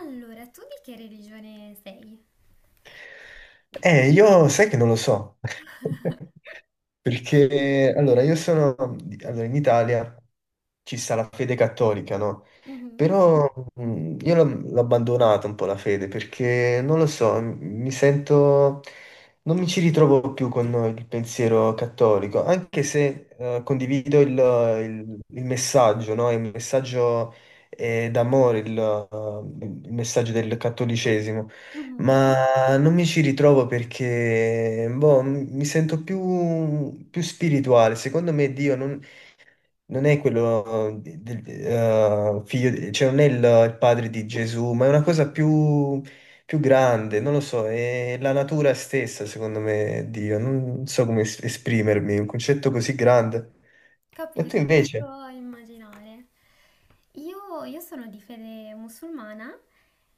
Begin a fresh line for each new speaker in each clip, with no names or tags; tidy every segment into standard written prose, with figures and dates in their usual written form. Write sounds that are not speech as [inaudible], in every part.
Allora, tu di che religione sei?
Io sai che non lo so, [laughs] perché allora io sono, allora in Italia ci sta la fede cattolica, no?
Mhm,
Però io l'ho abbandonata un po' la fede, perché non lo so, mi sento, non mi ci ritrovo più con il pensiero cattolico, anche se condivido il messaggio, no? Il messaggio d'amore, il messaggio del cattolicesimo.
mhm.
Ma non mi ci ritrovo perché boh, mi sento più spirituale. Secondo me Dio non è quello del figlio, cioè non è il padre di Gesù, ma è una cosa più grande, non lo so, è la natura stessa, secondo me, Dio. Non so come esprimermi, un concetto così grande. E
Capisco,
tu invece?
posso immaginare. Io sono di fede musulmana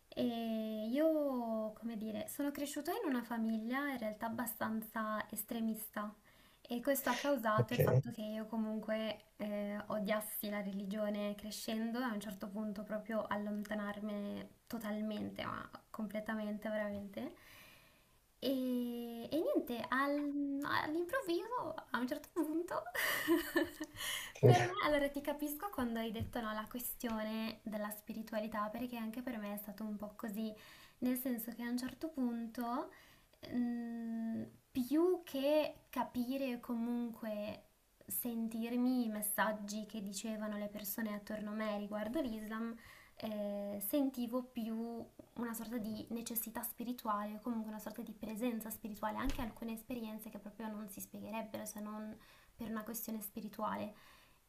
e io, come dire, sono cresciuta in una famiglia in realtà abbastanza estremista. E questo ha causato
Ok.
il fatto che io comunque odiassi la religione crescendo e a un certo punto proprio allontanarmi totalmente, ma completamente veramente. E niente, all'improvviso, a un certo punto, [laughs] per me,
[laughs]
allora ti capisco quando hai detto no, la questione della spiritualità, perché anche per me è stato un po' così, nel senso che a un certo punto... Mm, più che capire o comunque sentirmi i messaggi che dicevano le persone attorno a me riguardo l'Islam, sentivo più una sorta di necessità spirituale, o comunque una sorta di presenza spirituale, anche alcune esperienze che proprio non si spiegherebbero se non per una questione spirituale.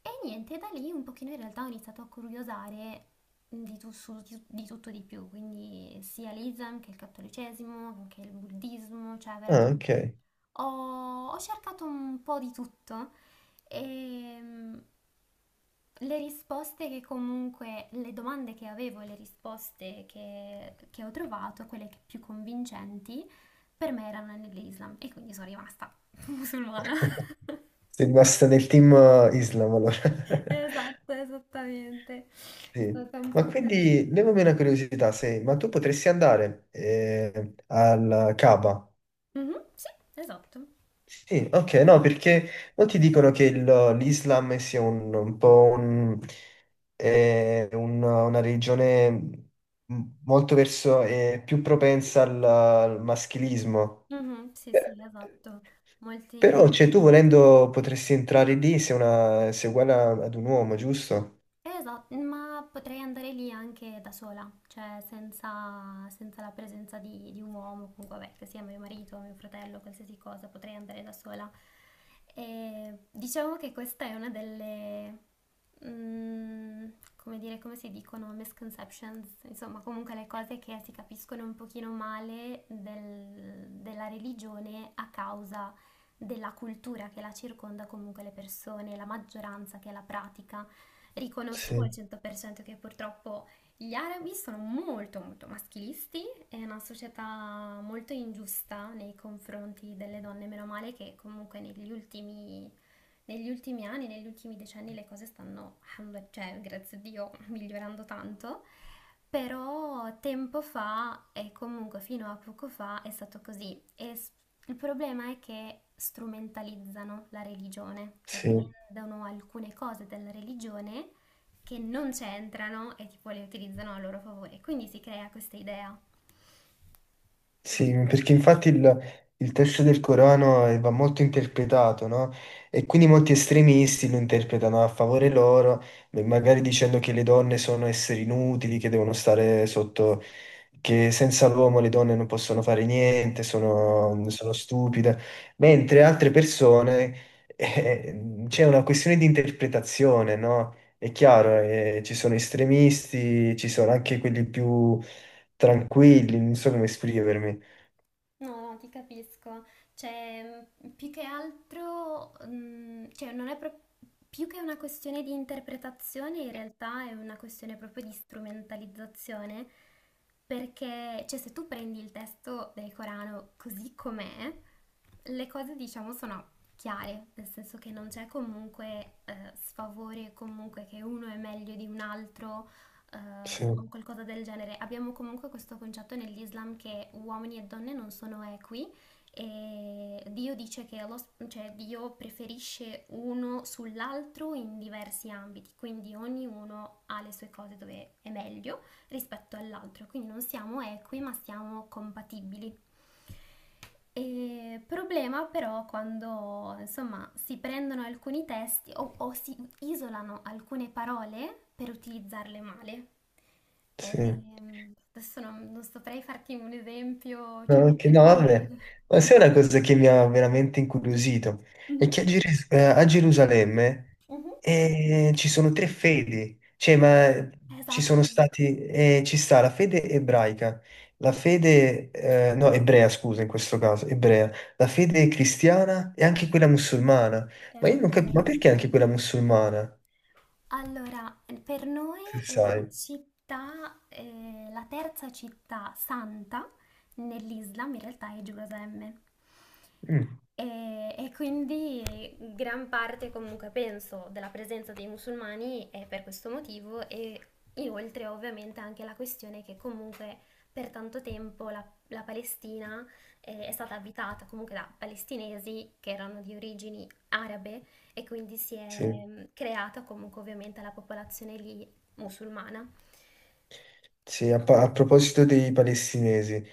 E niente, da lì un pochino in realtà ho iniziato a curiosare di tutto di più, quindi sia l'Islam che il cattolicesimo, che il buddismo, cioè
Ah,
veramente
ok.
ho cercato un po' di tutto e le risposte che comunque, le domande che avevo, e le risposte che ho trovato, quelle che più convincenti, per me erano nell'Islam e quindi sono rimasta [laughs] musulmana.
[laughs] Sei rimasta nel team Islam allora. [laughs]
Esatto, esattamente. È
Sì.
stata un
Ma
po' così.
quindi levami una curiosità, se, ma tu potresti andare al Kaaba?
Mhm, sì, esatto.
Sì, ok, no, perché molti dicono che l'Islam sia un po' una religione molto verso, più propensa al maschilismo.
Mhm, sì,
Eh,
sì, esatto. Molti.
Però, cioè, tu volendo potresti entrare lì se è uguale ad un uomo, giusto?
Esatto, ma potrei andare lì anche da sola, cioè senza, senza la presenza di un uomo, comunque vabbè, che sia mio marito, mio fratello, qualsiasi cosa, potrei andare da sola. E diciamo che questa è una delle, mm, come dire, come si dicono, misconceptions, insomma, comunque le cose che si capiscono un pochino male della religione a causa della cultura che la circonda, comunque le persone, la maggioranza che la pratica. Riconosco
Sì,
al 100% che purtroppo gli arabi sono molto molto maschilisti, è una società molto ingiusta nei confronti delle donne, meno male che comunque negli ultimi anni, negli ultimi decenni le cose stanno, alhamdulillah, cioè grazie a Dio, migliorando tanto, però tempo fa, e comunque fino a poco fa, è stato così. Il problema è che strumentalizzano la religione, cioè
sì.
prendono alcune cose della religione che non c'entrano e tipo le utilizzano a loro favore. Quindi si crea questa idea.
Sì, perché infatti il testo del Corano va molto interpretato, no? E quindi molti estremisti lo interpretano a favore loro, beh, magari dicendo che le donne sono esseri inutili, che devono stare sotto, che senza l'uomo le donne non possono fare niente,
Esatto.
sono stupide, mentre altre persone, c'è una questione di interpretazione, no? È chiaro, ci sono estremisti, ci sono anche quelli più tranquilli, non so come esprimermi.
No, no, ti capisco. Cioè, più che altro, cioè, non è pro- più che una questione di interpretazione, in realtà è una questione proprio di strumentalizzazione, perché, cioè, se tu prendi il testo del Corano così com'è, le cose, diciamo, sono chiare, nel senso che non c'è comunque sfavore, comunque che uno è meglio di un altro
Sì,
o qualcosa del genere. Abbiamo comunque questo concetto nell'Islam che uomini e donne non sono equi e Dio dice che cioè Dio preferisce uno sull'altro in diversi ambiti, quindi ognuno ha le sue cose dove è meglio rispetto all'altro, quindi non siamo equi ma siamo compatibili. E problema però quando insomma si prendono alcuni testi o si isolano alcune parole per utilizzarle male.
sì.
Adesso non saprei farti un esempio,
No,
cioè perché...
no, vabbè,
[laughs]
ma sai una cosa che mi ha veramente incuriosito? È
Mhm,
che a Gerusalemme
mhm.
ci sono tre fedi, cioè, ma
Esatto,
ci sta la fede ebraica, la fede, no, ebrea, scusa, in questo caso, ebrea, la fede cristiana e anche quella musulmana. Ma io non
esatto.
capisco, ma perché anche quella musulmana?
Allora, per noi
Se sai?
la città, la terza città santa nell'Islam in realtà è Gerusalemme.
Mm,
E quindi gran parte comunque penso della presenza dei musulmani è per questo motivo e inoltre ovviamente anche la questione che comunque per tanto tempo la Palestina è stata abitata comunque da palestinesi che erano di origini arabe e quindi si è
sì.
creata comunque ovviamente la popolazione lì musulmana.
Sì, a proposito dei palestinesi,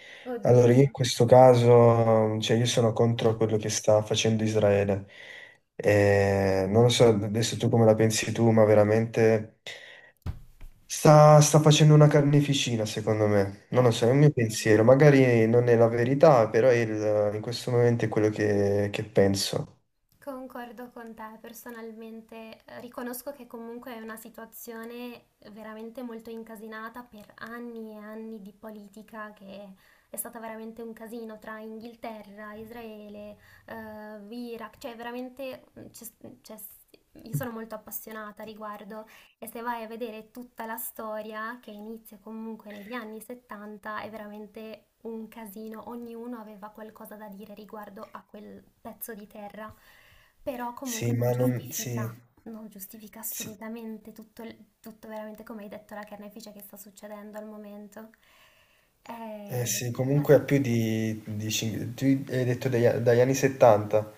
allora io in
Oddio.
questo caso, cioè io sono contro quello che sta facendo Israele. Non lo so adesso tu come la pensi tu, ma veramente sta facendo una carneficina, secondo me. Non lo so, è un mio
Esatto.
pensiero, magari non è la verità, però in questo momento è quello che penso.
Concordo con te, personalmente riconosco che comunque è una situazione veramente molto incasinata per anni e anni di politica che è stata veramente un casino tra Inghilterra, Israele, eh, Iraq, cioè veramente c'è- io sono molto appassionata a riguardo e se vai a vedere tutta la storia, che inizia comunque negli anni 70, è veramente un casino. Ognuno aveva qualcosa da dire riguardo a quel pezzo di terra, però comunque
Sì, ma non. Sì,
non giustifica
sì.
assolutamente tutto, tutto veramente, come hai detto, la carnefice che sta succedendo al momento.
Eh
Eh,
sì, comunque ha
pazienza.
più di tu hai detto dagli anni 70,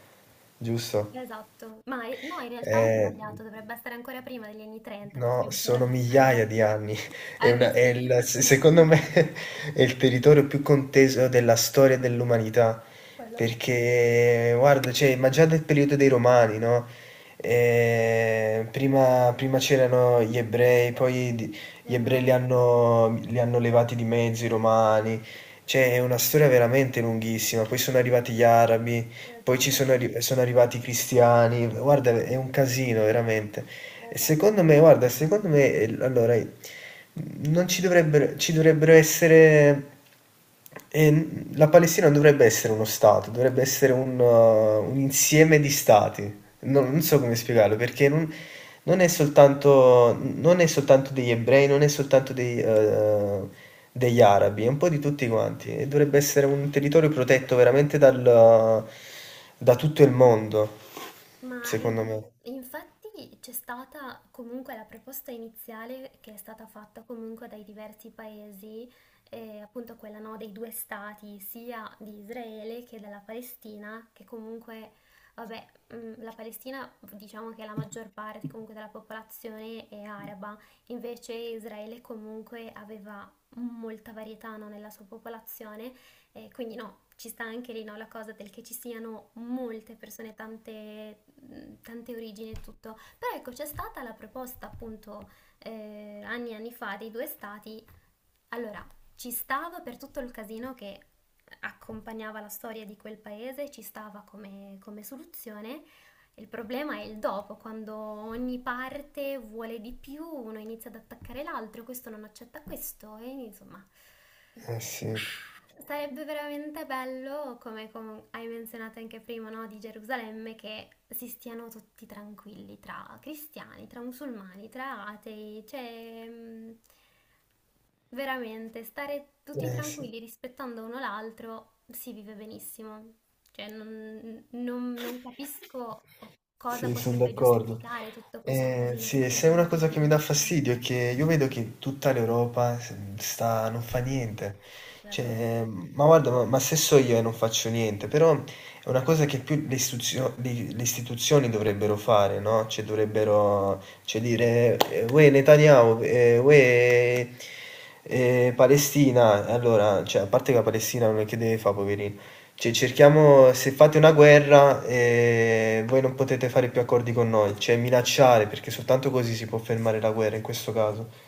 giusto?
Esatto, ma no, in realtà ho
Eh,
sbagliato, dovrebbe essere ancora prima degli anni 30,
no,
possiamo dire la
sono
verità. [laughs]
migliaia di anni. [laughs] È
Eh beh,
una- è
sì.
il- se-
[laughs]
secondo me [laughs] è il territorio più conteso della storia dell'umanità.
Quello sì.
Perché, guarda, cioè, ma già del periodo dei Romani, no? Prima c'erano gli ebrei, gli ebrei li
Esatto,
hanno, li hanno levati di mezzo i romani. Cioè, è una storia veramente lunghissima. Poi sono arrivati gli arabi. Poi
esatto,
sono arrivati i cristiani, guarda, è un casino veramente. E secondo
esatto,
me, guarda, secondo me, allora, non ci dovrebbero, ci dovrebbero essere, eh, la Palestina non dovrebbe essere uno Stato, dovrebbe essere un insieme di Stati.
sì,
Non so come
esatto.
spiegarlo perché non è soltanto, non è soltanto degli ebrei, non è soltanto degli arabi, è un po' di tutti quanti e dovrebbe essere un territorio protetto veramente da tutto il mondo,
Ma in-
secondo me.
Infatti c'è stata comunque la proposta iniziale che è stata fatta comunque dai diversi paesi, appunto quella no, dei due stati, sia di Israele che della Palestina, che comunque, vabbè, la Palestina diciamo che la maggior parte comunque della popolazione è araba, invece Israele comunque aveva molta varietà no, nella sua popolazione quindi no, ci sta anche lì no, la cosa del che ci siano molte persone, tante, tante origini e tutto. Però ecco, c'è stata la proposta appunto anni e anni fa dei due stati. Allora, ci stava per tutto il casino che accompagnava la storia di quel paese, ci stava come, come soluzione. Il problema è il dopo, quando ogni parte vuole di più, uno inizia ad attaccare l'altro, questo non accetta questo e insomma...
Eh sì,
Sarebbe veramente bello, come hai menzionato anche prima, no, di Gerusalemme, che si stiano tutti tranquilli tra cristiani, tra musulmani, tra atei, cioè veramente stare tutti
eh sì.
tranquilli rispettando uno l'altro si vive benissimo. Cioè non capisco cosa
Sì, sono
potrebbe
d'accordo.
giustificare tutto questo casino che
Sì,
stia
se è una cosa che mi dà
succedendo.
fastidio è che io vedo che tutta l'Europa sta, non fa niente. Cioè,
Esatto.
ma guarda, ma se so io e non faccio niente, però è una cosa che più le istituzioni dovrebbero fare, no? Cioè, dovrebbero, cioè, dire, uè Netanyahu, uè Palestina. Allora, cioè, a parte che la Palestina non è che deve fare, poverina cioè, cerchiamo, se fate una guerra, voi non potete fare più accordi con noi, cioè minacciare, perché soltanto così si può fermare la guerra in questo caso.